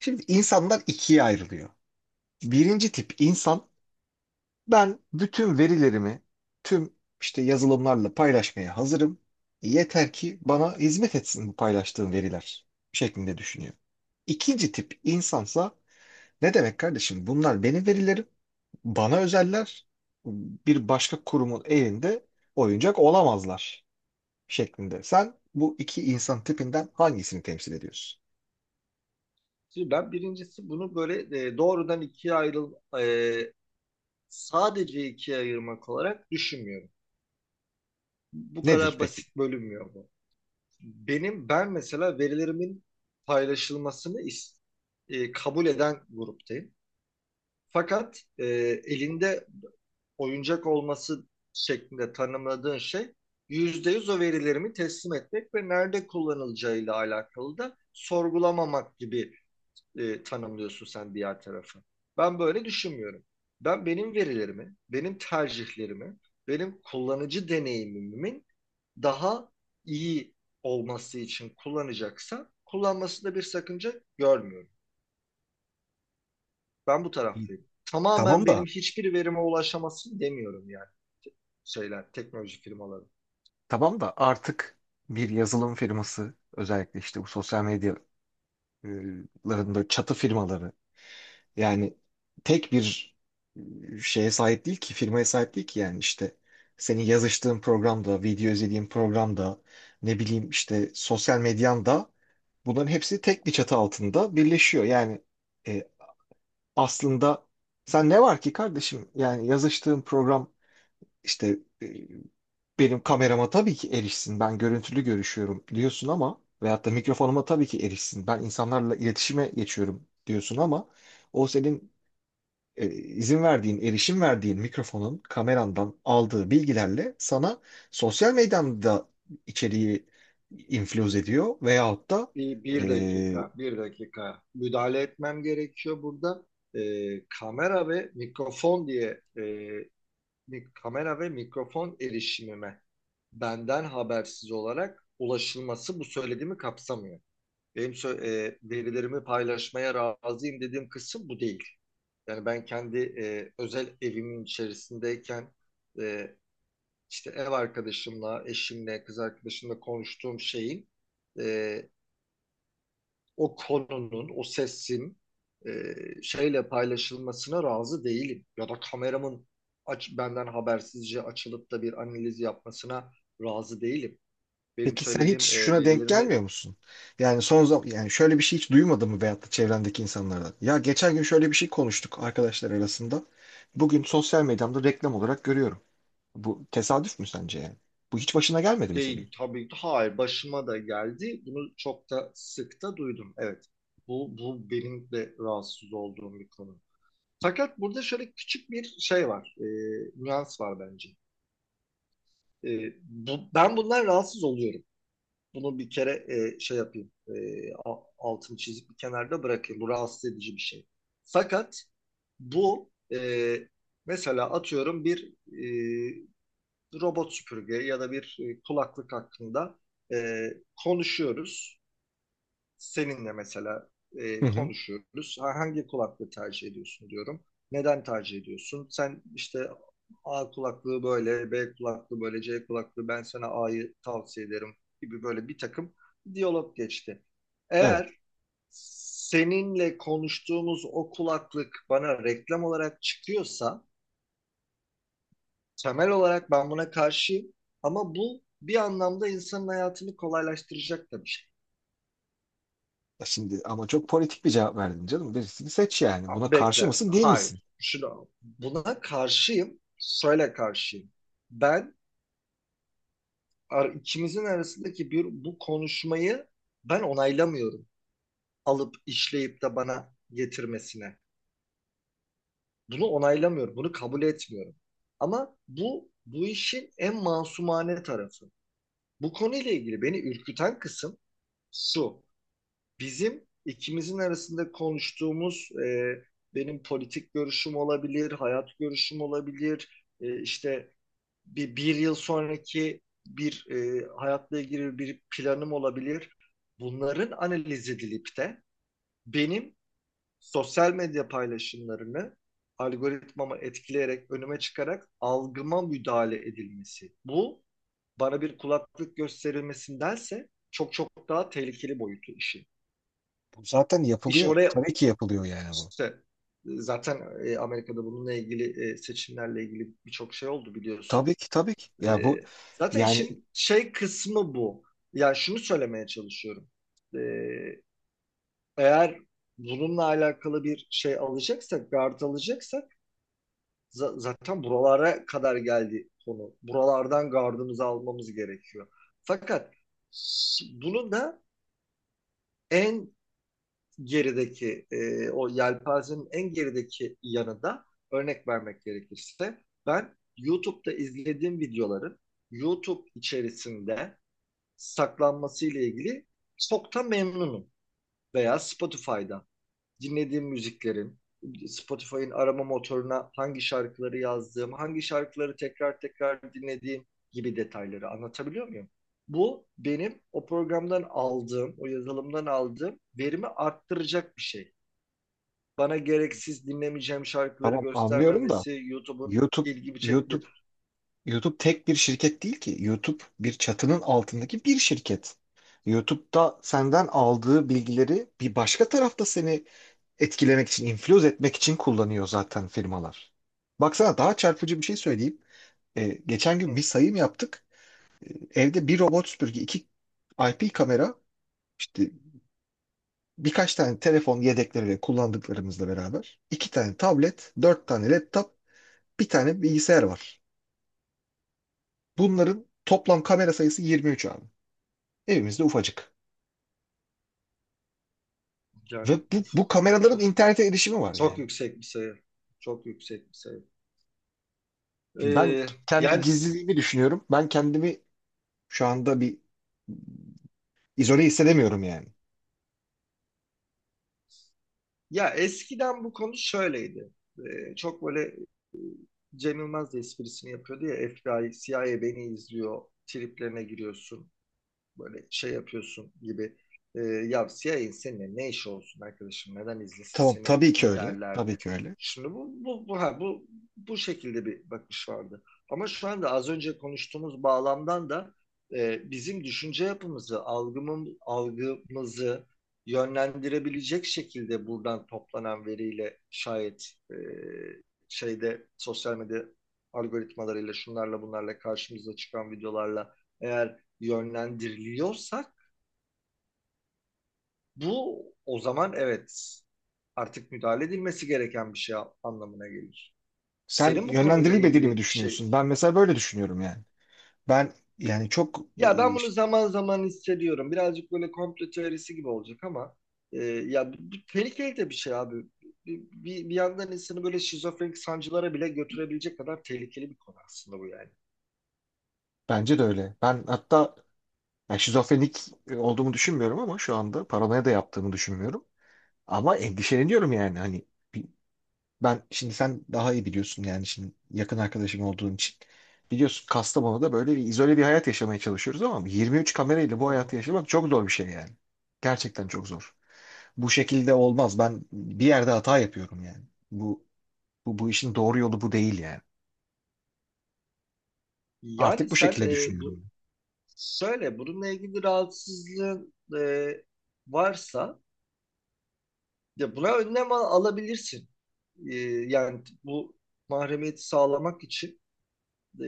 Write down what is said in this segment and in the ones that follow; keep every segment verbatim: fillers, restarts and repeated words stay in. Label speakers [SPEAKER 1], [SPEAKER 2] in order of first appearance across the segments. [SPEAKER 1] Şimdi insanlar ikiye ayrılıyor. Birinci tip insan ben bütün verilerimi tüm işte yazılımlarla paylaşmaya hazırım. E, Yeter ki bana hizmet etsin bu paylaştığım veriler şeklinde düşünüyor. İkinci tip insansa ne demek kardeşim bunlar benim verilerim, bana özeller, bir başka kurumun elinde oyuncak olamazlar şeklinde. Sen bu iki insan tipinden hangisini temsil ediyorsun?
[SPEAKER 2] Şimdi ben birincisi bunu böyle e, doğrudan ikiye ayrıl e, sadece ikiye ayırmak olarak düşünmüyorum. Bu
[SPEAKER 1] Nedir
[SPEAKER 2] kadar
[SPEAKER 1] peki?
[SPEAKER 2] basit bölünmüyor bu. Benim ben mesela verilerimin paylaşılmasını is- e, kabul eden gruptayım. Fakat e, elinde oyuncak olması şeklinde tanımladığın şey yüzde yüz o verilerimi teslim etmek ve nerede kullanılacağıyla alakalı da sorgulamamak gibi e, tanımlıyorsun sen diğer tarafı. Ben böyle düşünmüyorum. Ben benim verilerimi, benim tercihlerimi, benim kullanıcı deneyimimin daha iyi olması için kullanacaksa kullanmasında bir sakınca görmüyorum. Ben bu
[SPEAKER 1] İ-
[SPEAKER 2] taraftayım. Tamamen
[SPEAKER 1] Tamam da
[SPEAKER 2] benim hiçbir verime ulaşamasın demiyorum yani şeyler, teknoloji firmaları.
[SPEAKER 1] Tamam da artık bir yazılım firması özellikle işte bu sosyal medyaların böyle çatı firmaları yani tek bir e, şeye sahip değil ki firmaya sahip değil ki yani işte senin yazıştığın programda, video izlediğin programda ne bileyim işte sosyal medyanda bunların hepsi tek bir çatı altında birleşiyor. Yani e, aslında sen ne var ki kardeşim yani yazıştığın program işte benim kamerama tabii ki erişsin. Ben görüntülü görüşüyorum diyorsun ama veyahut da mikrofonuma tabii ki erişsin. Ben insanlarla iletişime geçiyorum diyorsun ama o senin e, izin verdiğin, erişim verdiğin mikrofonun kamerandan aldığı bilgilerle sana sosyal medyada içeriği infiluz ediyor veyahut da
[SPEAKER 2] Bir, bir
[SPEAKER 1] e,
[SPEAKER 2] dakika, bir dakika müdahale etmem gerekiyor burada. Ee, kamera ve mikrofon diye e, mi- kamera ve mikrofon erişimime benden habersiz olarak ulaşılması bu söylediğimi kapsamıyor. Benim sö- e, verilerimi paylaşmaya razıyım dediğim kısım bu değil. Yani ben kendi e, özel evimin içerisindeyken e, işte ev arkadaşımla, eşimle, kız arkadaşımla konuştuğum şeyin e, o konunun, o sesin e, şeyle paylaşılmasına razı değilim. Ya da kameramın aç, benden habersizce açılıp da bir analiz yapmasına razı değilim. Benim
[SPEAKER 1] peki sen hiç
[SPEAKER 2] söylediğim e,
[SPEAKER 1] şuna denk
[SPEAKER 2] verilerimi
[SPEAKER 1] gelmiyor musun? Yani son zaman yani şöyle bir şey hiç duymadın mı veyahut da çevrendeki insanlardan? Ya geçen gün şöyle bir şey konuştuk arkadaşlar arasında. Bugün sosyal medyamda reklam olarak görüyorum. Bu tesadüf mü sence yani? Bu hiç başına gelmedi mi senin?
[SPEAKER 2] değil tabii ki. Hayır, başıma da geldi. Bunu çok da sık da duydum. Evet. Bu, bu benim de rahatsız olduğum bir konu. Fakat burada şöyle küçük bir şey var. E, nüans var bence. E, bu, ben bundan rahatsız oluyorum. Bunu bir kere e, şey yapayım. E, a- altını çizip bir kenarda bırakayım. Bu rahatsız edici bir şey. Fakat bu e, mesela atıyorum bir e, robot süpürge ya da bir e, kulaklık hakkında e, konuşuyoruz. Seninle mesela
[SPEAKER 1] Hı
[SPEAKER 2] e,
[SPEAKER 1] hı.
[SPEAKER 2] konuşuyoruz. Ha, hangi kulaklığı tercih ediyorsun diyorum. Neden tercih ediyorsun? Sen işte A kulaklığı böyle, B kulaklığı böyle, C kulaklığı ben sana A'yı tavsiye ederim gibi böyle bir takım diyalog geçti.
[SPEAKER 1] Evet.
[SPEAKER 2] Eğer seninle konuştuğumuz o kulaklık bana reklam olarak çıkıyorsa temel olarak ben buna karşıyım. Ama bu bir anlamda insanın hayatını kolaylaştıracak da bir şey.
[SPEAKER 1] Ya şimdi ama çok politik bir cevap verdin canım. Birisini seç yani. Buna karşı
[SPEAKER 2] Bekle.
[SPEAKER 1] mısın, değil misin?
[SPEAKER 2] Hayır. Şuna, buna karşıyım. Şöyle karşıyım. Ben ar- ikimizin arasındaki bir bu konuşmayı ben onaylamıyorum. Alıp işleyip de bana getirmesine. Bunu onaylamıyorum. Bunu kabul etmiyorum. Ama bu bu işin en masumane tarafı. Bu konuyla ilgili beni ürküten kısım şu. Bizim ikimizin arasında konuştuğumuz e, benim politik görüşüm olabilir, hayat görüşüm olabilir, e, işte bir, bir yıl sonraki bir e, hayatla ilgili bir planım olabilir. Bunların analiz edilip de benim sosyal medya paylaşımlarını algoritmamı etkileyerek, önüme çıkarak algıma müdahale edilmesi. Bu bana bir kulaklık gösterilmesindense çok çok daha tehlikeli boyutu işin.
[SPEAKER 1] Bu zaten
[SPEAKER 2] İş
[SPEAKER 1] yapılıyor.
[SPEAKER 2] oraya
[SPEAKER 1] Tabii ki yapılıyor yani bu.
[SPEAKER 2] İşte e, zaten e, Amerika'da bununla ilgili e, seçimlerle ilgili birçok şey oldu biliyorsun.
[SPEAKER 1] Tabii ki tabii ki. Ya
[SPEAKER 2] E,
[SPEAKER 1] bu
[SPEAKER 2] Zaten
[SPEAKER 1] yani
[SPEAKER 2] işin şey kısmı bu. Yani şunu söylemeye çalışıyorum. E, Eğer bununla alakalı bir şey alacaksak, gard alacaksak za- zaten buralara kadar geldi konu. Buralardan gardımızı almamız gerekiyor. Fakat bunu da en gerideki e, o yelpazenin en gerideki yanı da örnek vermek gerekirse ben YouTube'da izlediğim videoların YouTube içerisinde saklanması ile ilgili çok da memnunum. Veya Spotify'da dinlediğim müziklerin, Spotify'ın arama motoruna hangi şarkıları yazdığım, hangi şarkıları tekrar tekrar dinlediğim gibi detayları anlatabiliyor muyum? Bu benim o programdan aldığım, o yazılımdan aldığım verimi arttıracak bir şey, bana gereksiz dinlemeyeceğim şarkıları
[SPEAKER 1] tamam anlıyorum da
[SPEAKER 2] göstermemesi YouTube'un
[SPEAKER 1] YouTube
[SPEAKER 2] ilgimi çekti.
[SPEAKER 1] YouTube YouTube tek bir şirket değil ki. YouTube bir çatının altındaki bir şirket. YouTube'da senden aldığı bilgileri bir başka tarafta seni etkilemek için, influence etmek için kullanıyor zaten firmalar. Baksana daha çarpıcı bir şey söyleyeyim. Ee, geçen gün
[SPEAKER 2] Hı,
[SPEAKER 1] bir sayım yaptık. Evde bir robot süpürge, iki I P kamera, işte birkaç tane telefon yedekleri ve kullandıklarımızla beraber, iki tane tablet, dört tane laptop, bir tane bilgisayar var. Bunların toplam kamera sayısı yirmi üç abi. Evimizde ufacık.
[SPEAKER 2] yani
[SPEAKER 1] Ve bu,
[SPEAKER 2] uf,
[SPEAKER 1] bu
[SPEAKER 2] uf,
[SPEAKER 1] kameraların
[SPEAKER 2] çok,
[SPEAKER 1] internete erişimi var
[SPEAKER 2] çok
[SPEAKER 1] yani.
[SPEAKER 2] yüksek bir sayı. Çok yüksek bir sayı.
[SPEAKER 1] Şimdi ben
[SPEAKER 2] Ee,
[SPEAKER 1] kendi
[SPEAKER 2] yani
[SPEAKER 1] gizliliğimi düşünüyorum. Ben kendimi şu anda bir izole hissedemiyorum yani.
[SPEAKER 2] Ya eskiden bu konu şöyleydi. Ee, çok böyle e, Cem Yılmaz da esprisini yapıyordu ya F B I, C I A beni izliyor, triplerine giriyorsun. Böyle şey yapıyorsun gibi e, ya C I A'nin seninle ne işi olsun arkadaşım neden izlesin
[SPEAKER 1] Tamam
[SPEAKER 2] seni
[SPEAKER 1] tabii ki öyle. Tabii
[SPEAKER 2] derlerdi.
[SPEAKER 1] ki öyle.
[SPEAKER 2] Şimdi bu bu bu ha, bu bu şekilde bir bakış vardı. Ama şu anda az önce konuştuğumuz bağlamdan da e, bizim düşünce yapımızı, algımın, algımızı yönlendirebilecek şekilde buradan toplanan veriyle şayet e, şeyde sosyal medya algoritmalarıyla şunlarla bunlarla karşımıza çıkan videolarla eğer yönlendiriliyorsak bu o zaman evet artık müdahale edilmesi gereken bir şey anlamına gelir.
[SPEAKER 1] Sen
[SPEAKER 2] Senin bu konuyla
[SPEAKER 1] yönlendirilmediğini mi
[SPEAKER 2] ilgili şey,
[SPEAKER 1] düşünüyorsun? Ben mesela böyle düşünüyorum yani. Ben yani çok e,
[SPEAKER 2] ya ben bunu
[SPEAKER 1] işte,
[SPEAKER 2] zaman zaman hissediyorum. Birazcık böyle komplo teorisi gibi olacak ama e, ya bu, tehlikeli de bir şey abi. Bir, bir, bir yandan insanı böyle şizofrenik sancılara bile götürebilecek kadar tehlikeli bir konu aslında bu yani.
[SPEAKER 1] bence de öyle. Ben hatta yani şizofrenik e, olduğumu düşünmüyorum ama şu anda paranoya da yaptığımı düşünmüyorum. Ama endişeleniyorum yani hani bir ben şimdi sen daha iyi biliyorsun yani şimdi yakın arkadaşım olduğun için. Biliyorsun Kastamonu'da böyle bir izole bir hayat yaşamaya çalışıyoruz ama yirmi üç kamerayla
[SPEAKER 2] Hı
[SPEAKER 1] bu hayatı
[SPEAKER 2] hı.
[SPEAKER 1] yaşamak çok zor bir şey yani. Gerçekten çok zor. Bu şekilde olmaz. Ben bir yerde hata yapıyorum yani. Bu bu, bu işin doğru yolu bu değil yani.
[SPEAKER 2] Yani
[SPEAKER 1] Artık bu
[SPEAKER 2] sen
[SPEAKER 1] şekilde
[SPEAKER 2] e, bu
[SPEAKER 1] düşünüyorum.
[SPEAKER 2] söyle bununla ilgili rahatsızlığın e, varsa ya buna önlem al- alabilirsin. Ee, Yani bu mahremiyeti sağlamak için e,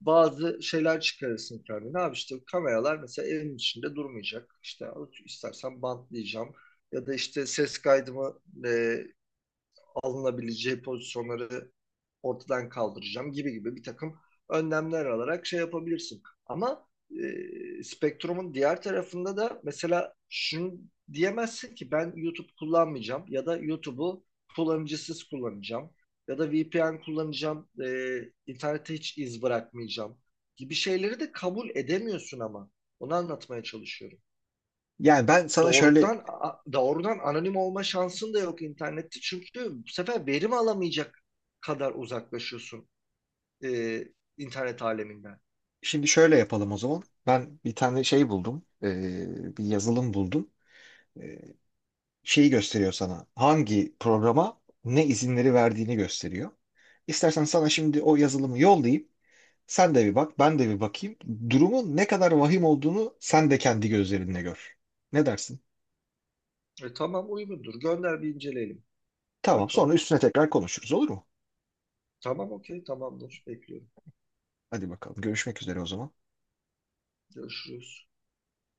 [SPEAKER 2] bazı şeyler çıkarırsın kendine. Abi işte kameralar mesela evin içinde durmayacak. İşte istersen bantlayacağım. Ya da işte ses kaydımı e, alınabileceği pozisyonları ortadan kaldıracağım gibi gibi bir takım önlemler alarak şey yapabilirsin. Ama e, spektrumun diğer tarafında da mesela şunu diyemezsin ki ben YouTube kullanmayacağım ya da YouTube'u kullanıcısız kullanacağım ya da V P N kullanacağım, e, internete hiç iz bırakmayacağım gibi şeyleri de kabul edemiyorsun ama. Onu anlatmaya çalışıyorum.
[SPEAKER 1] Yani ben sana şöyle
[SPEAKER 2] Doğrudan Doğrudan anonim olma şansın da yok internette. Çünkü bu sefer verim alamayacak kadar uzaklaşıyorsun e, internet aleminden.
[SPEAKER 1] Şimdi şöyle yapalım o zaman. Ben bir tane şey buldum. Ee, bir yazılım buldum. Ee, şeyi gösteriyor sana. Hangi programa ne izinleri verdiğini gösteriyor. İstersen sana şimdi o yazılımı yollayayım. Sen de bir bak, ben de bir bakayım. Durumun ne kadar vahim olduğunu sen de kendi gözlerinle gör. Ne dersin?
[SPEAKER 2] E, tamam, uygundur. Gönder bir inceleyelim.
[SPEAKER 1] Tamam,
[SPEAKER 2] Bakalım.
[SPEAKER 1] sonra üstüne tekrar konuşuruz olur mu?
[SPEAKER 2] Tamam, okey, tamamdır. Bekliyorum.
[SPEAKER 1] Hadi bakalım, görüşmek üzere o zaman.
[SPEAKER 2] Görüşürüz.